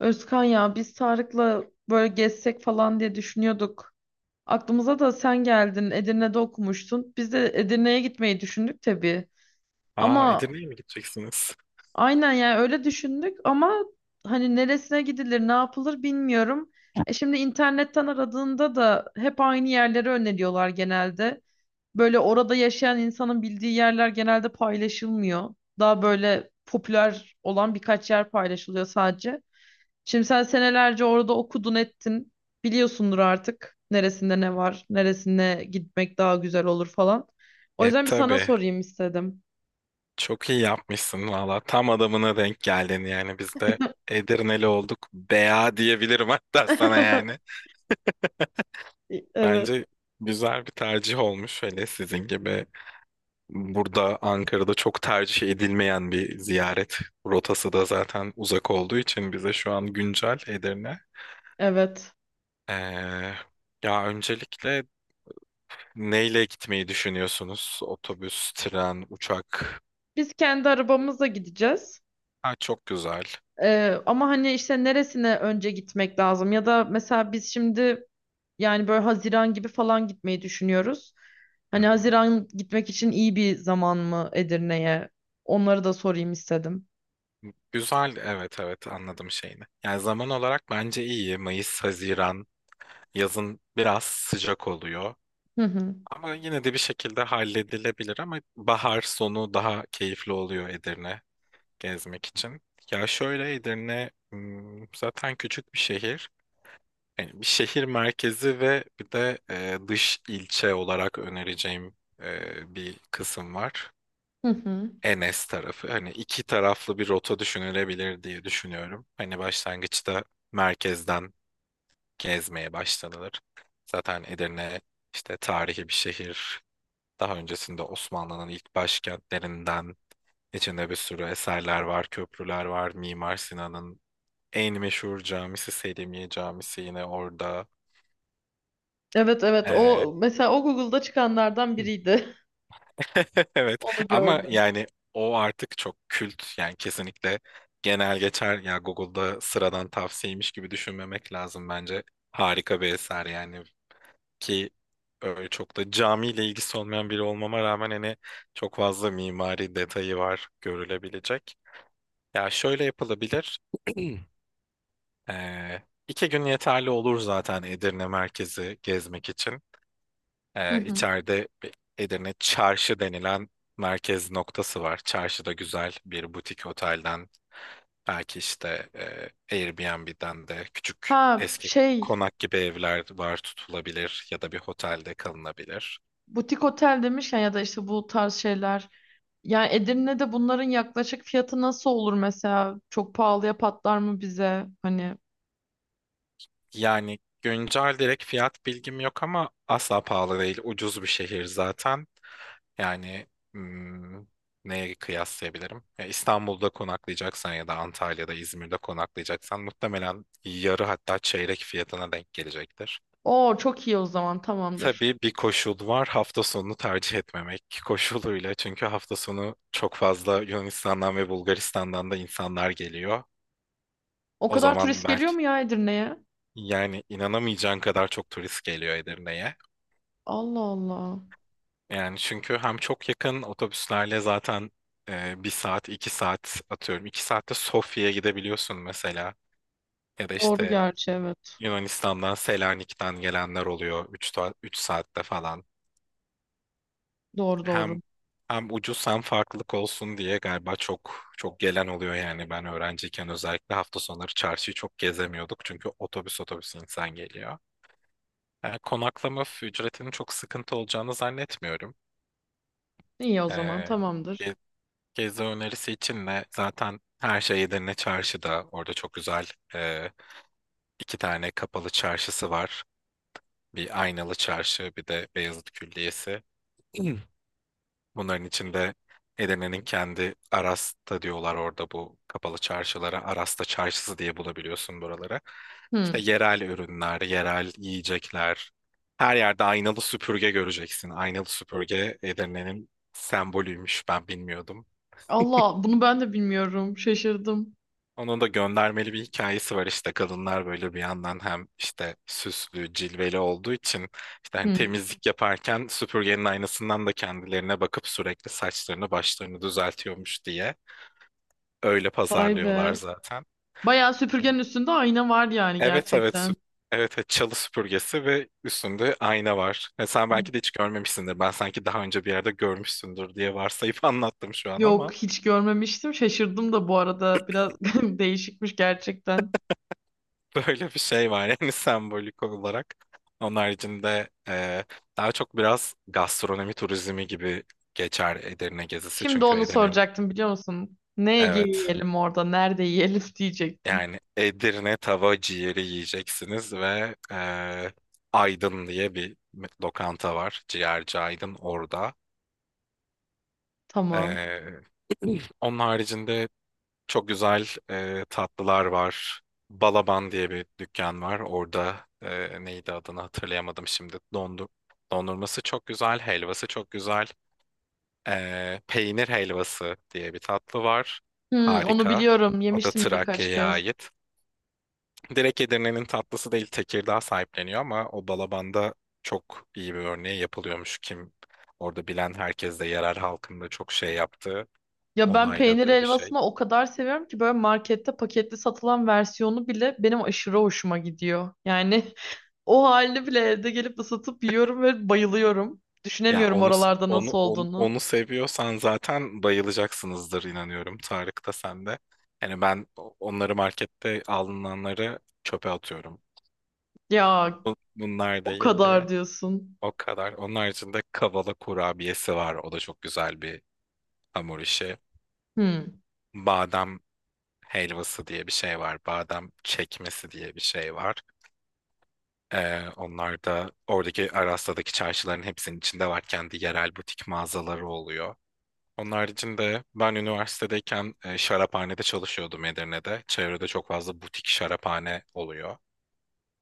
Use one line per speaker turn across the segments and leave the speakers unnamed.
Özkan ya biz Tarık'la böyle gezsek falan diye düşünüyorduk. Aklımıza da sen geldin. Edirne'de okumuştun. Biz de Edirne'ye gitmeyi düşündük tabii.
Aa
Ama
Edirne'ye mi gideceksiniz?
aynen yani öyle düşündük ama hani neresine gidilir, ne yapılır bilmiyorum. E şimdi internetten aradığında da hep aynı yerleri öneriyorlar genelde. Böyle orada yaşayan insanın bildiği yerler genelde paylaşılmıyor. Daha böyle popüler olan birkaç yer paylaşılıyor sadece. Şimdi sen senelerce orada okudun ettin. Biliyorsundur artık neresinde ne var, neresine gitmek daha güzel olur falan. O
E
yüzden bir sana
tabii.
sorayım istedim.
Çok iyi yapmışsın valla. Tam adamına denk geldin yani. Biz de Edirneli olduk. Bea diyebilirim hatta sana yani.
Evet,
Bence güzel bir tercih olmuş. Hele sizin gibi burada Ankara'da çok tercih edilmeyen bir ziyaret rotası da zaten uzak olduğu için bize şu an güncel Edirne.
evet.
Ee, Ya öncelikle neyle gitmeyi düşünüyorsunuz? Otobüs, tren, uçak.
Biz kendi arabamızla gideceğiz.
Ha, çok güzel.
Ama hani işte neresine önce gitmek lazım? Ya da mesela biz şimdi yani böyle Haziran gibi falan gitmeyi düşünüyoruz.
Hı
Hani
hı.
Haziran gitmek için iyi bir zaman mı Edirne'ye? Onları da sorayım istedim.
Güzel, evet evet anladım şeyini. Yani zaman olarak bence iyi. Mayıs, Haziran, yazın biraz sıcak oluyor.
Hı hı.
Ama yine de bir şekilde halledilebilir, ama bahar sonu daha keyifli oluyor Edirne gezmek için. Ya şöyle Edirne zaten küçük bir şehir. Yani bir şehir merkezi ve bir de dış ilçe olarak önereceğim bir kısım var.
Hı hı.
Enes tarafı. Hani iki taraflı bir rota düşünülebilir diye düşünüyorum. Hani başlangıçta merkezden gezmeye başlanılır. Zaten Edirne işte tarihi bir şehir. Daha öncesinde Osmanlı'nın ilk başkentlerinden, içinde bir sürü eserler var, köprüler var. Mimar Sinan'ın en meşhur camisi Selimiye Camisi yine orada.
Evet evet,
Ee,
o mesela o Google'da çıkanlardan biriydi.
Evet,
Onu
ama
gördüm.
yani o artık çok kült yani, kesinlikle genel geçer ya Google'da sıradan tavsiyeymiş gibi düşünmemek lazım bence. Harika bir eser yani, ki öyle çok da camiyle ilgisi olmayan biri olmama rağmen hani çok fazla mimari detayı var görülebilecek. Ya şöyle yapılabilir. Ee, iki gün yeterli olur zaten Edirne merkezi gezmek için.
Hı hı.
İçeride bir Edirne Çarşı denilen merkez noktası var. Çarşıda güzel bir butik otelden, belki işte Airbnb'den de küçük
Ha
eski
şey
konak gibi evler var, tutulabilir ya da bir otelde kalınabilir.
Butik otel demişken ya da işte bu tarz şeyler. Yani Edirne'de bunların yaklaşık fiyatı nasıl olur mesela? Çok pahalıya patlar mı bize? Hani
Yani güncel direkt fiyat bilgim yok ama asla pahalı değil. Ucuz bir şehir zaten. Yani hmm, neye kıyaslayabilirim? Ya İstanbul'da konaklayacaksan ya da Antalya'da, İzmir'de konaklayacaksan, muhtemelen yarı hatta çeyrek fiyatına denk gelecektir.
o çok iyi, o zaman tamamdır.
Tabii bir koşul var, hafta sonunu tercih etmemek koşuluyla. Çünkü hafta sonu çok fazla Yunanistan'dan ve Bulgaristan'dan da insanlar geliyor.
O
O
kadar
zaman
turist geliyor
belki,
mu ya Edirne'ye?
yani inanamayacağın kadar çok turist geliyor Edirne'ye.
Allah Allah.
Yani çünkü hem çok yakın, otobüslerle zaten 1 saat, 2 saat atıyorum. 2 saatte Sofya'ya gidebiliyorsun mesela. Ya da
Doğru
işte
gerçi, evet.
Yunanistan'dan, Selanik'ten gelenler oluyor. 3 saatte falan.
Doğru doğru.
Hem hem ucuz hem farklılık olsun diye galiba çok çok gelen oluyor yani. Ben öğrenciyken özellikle hafta sonları çarşıyı çok gezemiyorduk. Çünkü otobüs otobüs insan geliyor. Konaklama ücretinin çok sıkıntı olacağını zannetmiyorum.
İyi, o zaman
E,
tamamdır.
Gezi önerisi için de zaten her şey Edirne Çarşı'da. Orada çok güzel e, 2 tane kapalı çarşısı var. Bir Aynalı Çarşı, bir de Beyazıt Külliyesi. Hmm. Bunların içinde Edirne'nin kendi, Arasta diyorlar orada bu kapalı çarşılara. Arasta Çarşısı diye bulabiliyorsun buraları. İşte
Hı.
yerel ürünler, yerel yiyecekler. Her yerde aynalı süpürge göreceksin. Aynalı süpürge Edirne'nin sembolüymüş. Ben bilmiyordum.
Allah, bunu ben de bilmiyorum. Şaşırdım.
Onun da göndermeli bir hikayesi var, işte kadınlar böyle bir yandan hem işte süslü, cilveli olduğu için, işte hani
Hı.
temizlik yaparken süpürgenin aynasından da kendilerine bakıp sürekli saçlarını başlarını düzeltiyormuş diye öyle
Vay
pazarlıyorlar
be.
zaten.
Bayağı süpürgenin üstünde ayna var yani
Evet evet,
gerçekten.
çalı süpürgesi ve üstünde ayna var. Sen belki de hiç görmemişsindir. Ben sanki daha önce bir yerde görmüşsündür diye varsayıp anlattım şu an
Yok,
ama.
hiç görmemiştim. Şaşırdım da bu arada. Biraz değişikmiş gerçekten.
Böyle bir şey var yani sembolik olarak. Onun haricinde daha çok biraz gastronomi turizmi gibi geçer Edirne gezisi.
Şimdi
Çünkü
onu
Edirne'nin,
soracaktım, biliyor musun? Ne
evet
yiyelim orada? Nerede yiyelim diyecektim.
yani Edirne tava ciğeri yiyeceksiniz ve Aydın diye bir lokanta var. Ciğerci Aydın orada.
Tamam.
E, Onun haricinde çok güzel tatlılar var. Balaban diye bir dükkan var. Orada neydi adını hatırlayamadım şimdi. Dondurması çok güzel, helvası çok güzel. Peynir helvası diye bir tatlı var.
Hmm, Onu
Harika.
biliyorum.
O da
Yemiştim birkaç
Trakya'ya
kez.
ait. Direkt Edirne'nin tatlısı değil, Tekirdağ sahipleniyor, ama o Balaban'da çok iyi bir örneği yapılıyormuş. Kim orada bilen, herkes de yerel halkın da çok şey yaptığı,
Ya ben peynir
onayladığı bir şey.
helvasını o kadar seviyorum ki böyle markette paketli satılan versiyonu bile benim aşırı hoşuma gidiyor. Yani o halini bile evde gelip ısıtıp yiyorum ve bayılıyorum.
Ya
Düşünemiyorum
onu
oralarda
onu
nasıl
onu,
olduğunu.
onu seviyorsan zaten bayılacaksınızdır inanıyorum. Tarık da sen de. Yani ben onları, markette alınanları çöpe atıyorum.
Ya
Bunlar
o
değil
kadar
diye.
diyorsun.
O kadar. Onun haricinde kavala kurabiyesi var. O da çok güzel bir hamur işi.
Hmm.
Badem helvası diye bir şey var. Badem çekmesi diye bir şey var. Onlar da oradaki Aras'taki çarşıların hepsinin içinde var. Kendi yerel butik mağazaları oluyor. Onun haricinde ben üniversitedeyken şaraphanede çalışıyordum Edirne'de. Çevrede çok fazla butik şaraphane oluyor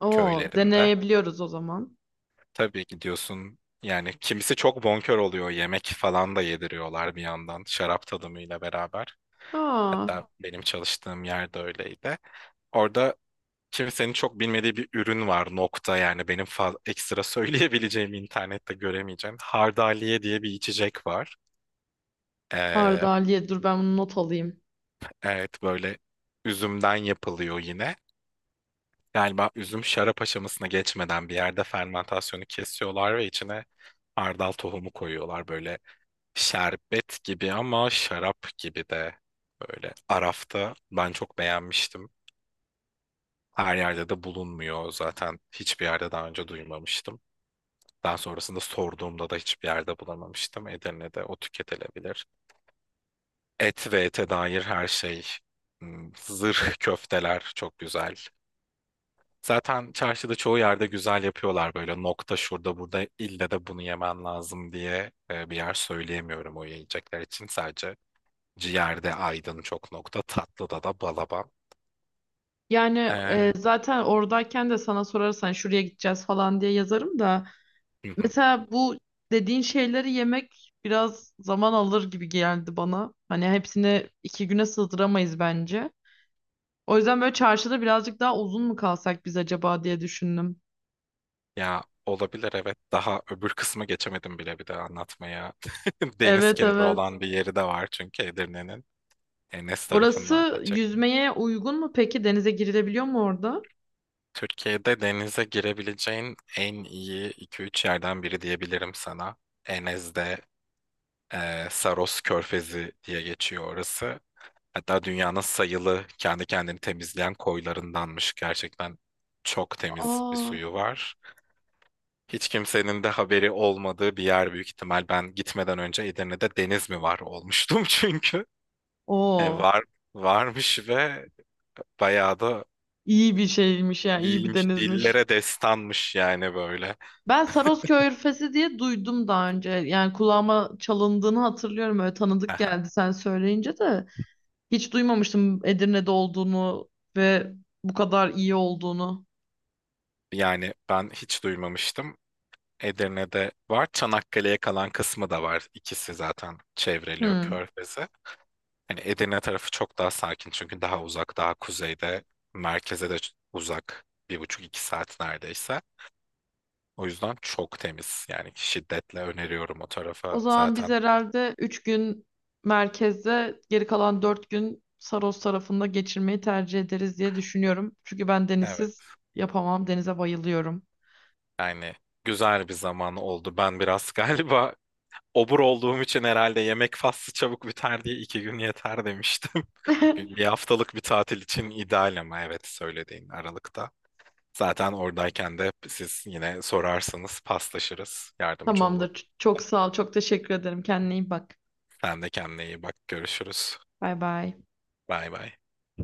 Oo,
köylerinde.
deneyebiliyoruz o zaman.
Tabii gidiyorsun yani, kimisi çok bonkör oluyor. Yemek falan da yediriyorlar bir yandan şarap tadımıyla beraber.
Aa,
Hatta benim çalıştığım yerde öyleydi. Orada kimsenin çok bilmediği bir ürün var nokta, yani benim ekstra söyleyebileceğim, internette göremeyeceğim. Hardaliye diye bir içecek var. Ee,
Hardaliye, dur ben bunu not alayım.
Evet, böyle üzümden yapılıyor yine. Galiba üzüm şarap aşamasına geçmeden bir yerde fermentasyonu kesiyorlar ve içine hardal tohumu koyuyorlar. Böyle şerbet gibi ama şarap gibi de, böyle Araf'ta. Ben çok beğenmiştim. Her yerde de bulunmuyor zaten, hiçbir yerde daha önce duymamıştım. Daha sonrasında sorduğumda da hiçbir yerde bulamamıştım. Edirne'de o tüketilebilir. Et ve ete dair her şey. Zırh köfteler çok güzel. Zaten çarşıda çoğu yerde güzel yapıyorlar, böyle nokta şurada burada ille de bunu yemen lazım diye bir yer söyleyemiyorum o yiyecekler için. Sadece ciğerde Aydın çok nokta, tatlıda da Balaban.
Yani
E,
zaten oradayken de sana sorarsan şuraya gideceğiz falan diye yazarım da.
hı hı.
Mesela bu dediğin şeyleri yemek biraz zaman alır gibi geldi bana. Hani hepsini 2 güne sığdıramayız bence. O yüzden böyle çarşıda birazcık daha uzun mu kalsak biz acaba diye düşündüm.
Ya olabilir, evet, daha öbür kısmı geçemedim bile bir de anlatmaya. Deniz
Evet
kenarı
evet.
olan bir yeri de var çünkü Edirne'nin. Enes tarafından
Orası
açacaktım.
yüzmeye uygun mu peki? Denize girilebiliyor mu orada?
Türkiye'de denize girebileceğin en iyi iki üç yerden biri diyebilirim sana. Enes'de Saros Körfezi diye geçiyor orası. Hatta dünyanın sayılı kendi kendini temizleyen koylarındanmış. Gerçekten çok temiz bir
Aa,
suyu var. Hiç kimsenin de haberi olmadığı bir yer büyük ihtimal. Ben gitmeden önce, Edirne'de deniz mi var, olmuştum çünkü. Yani
o
varmış ve bayağı da
iyi bir şeymiş ya, iyi bir
iyiymiş.
denizmiş.
Dillere destanmış yani böyle.
Ben Sarosköy Körfezi diye duydum daha önce. Yani kulağıma çalındığını hatırlıyorum. Öyle tanıdık
Aha.
geldi sen söyleyince de. Hiç duymamıştım Edirne'de olduğunu ve bu kadar iyi olduğunu.
Yani ben hiç duymamıştım. Edirne'de var. Çanakkale'ye kalan kısmı da var. İkisi zaten çevreliyor
Hmm.
Körfez'i. Hani Edirne tarafı çok daha sakin, çünkü daha uzak, daha kuzeyde. Merkeze de uzak. 1,5-2 saat neredeyse. O yüzden çok temiz. Yani şiddetle öneriyorum o
O
tarafa
zaman biz
zaten.
herhalde 3 gün merkezde, geri kalan 4 gün Saros tarafında geçirmeyi tercih ederiz diye düşünüyorum. Çünkü ben denizsiz
Evet.
yapamam. Denize bayılıyorum.
Yani güzel bir zaman oldu. Ben biraz galiba obur olduğum için herhalde, yemek faslı çabuk biter diye 2 gün yeter demiştim. 1 haftalık bir tatil için ideal, ama evet söylediğin Aralık'ta. Zaten oradayken de siz yine sorarsanız paslaşırız. Yardımcı olurum.
Tamamdır. Çok sağ ol. Çok teşekkür ederim. Kendine iyi bak.
Sen de kendine iyi bak. Görüşürüz.
Bay bay.
Bay bay.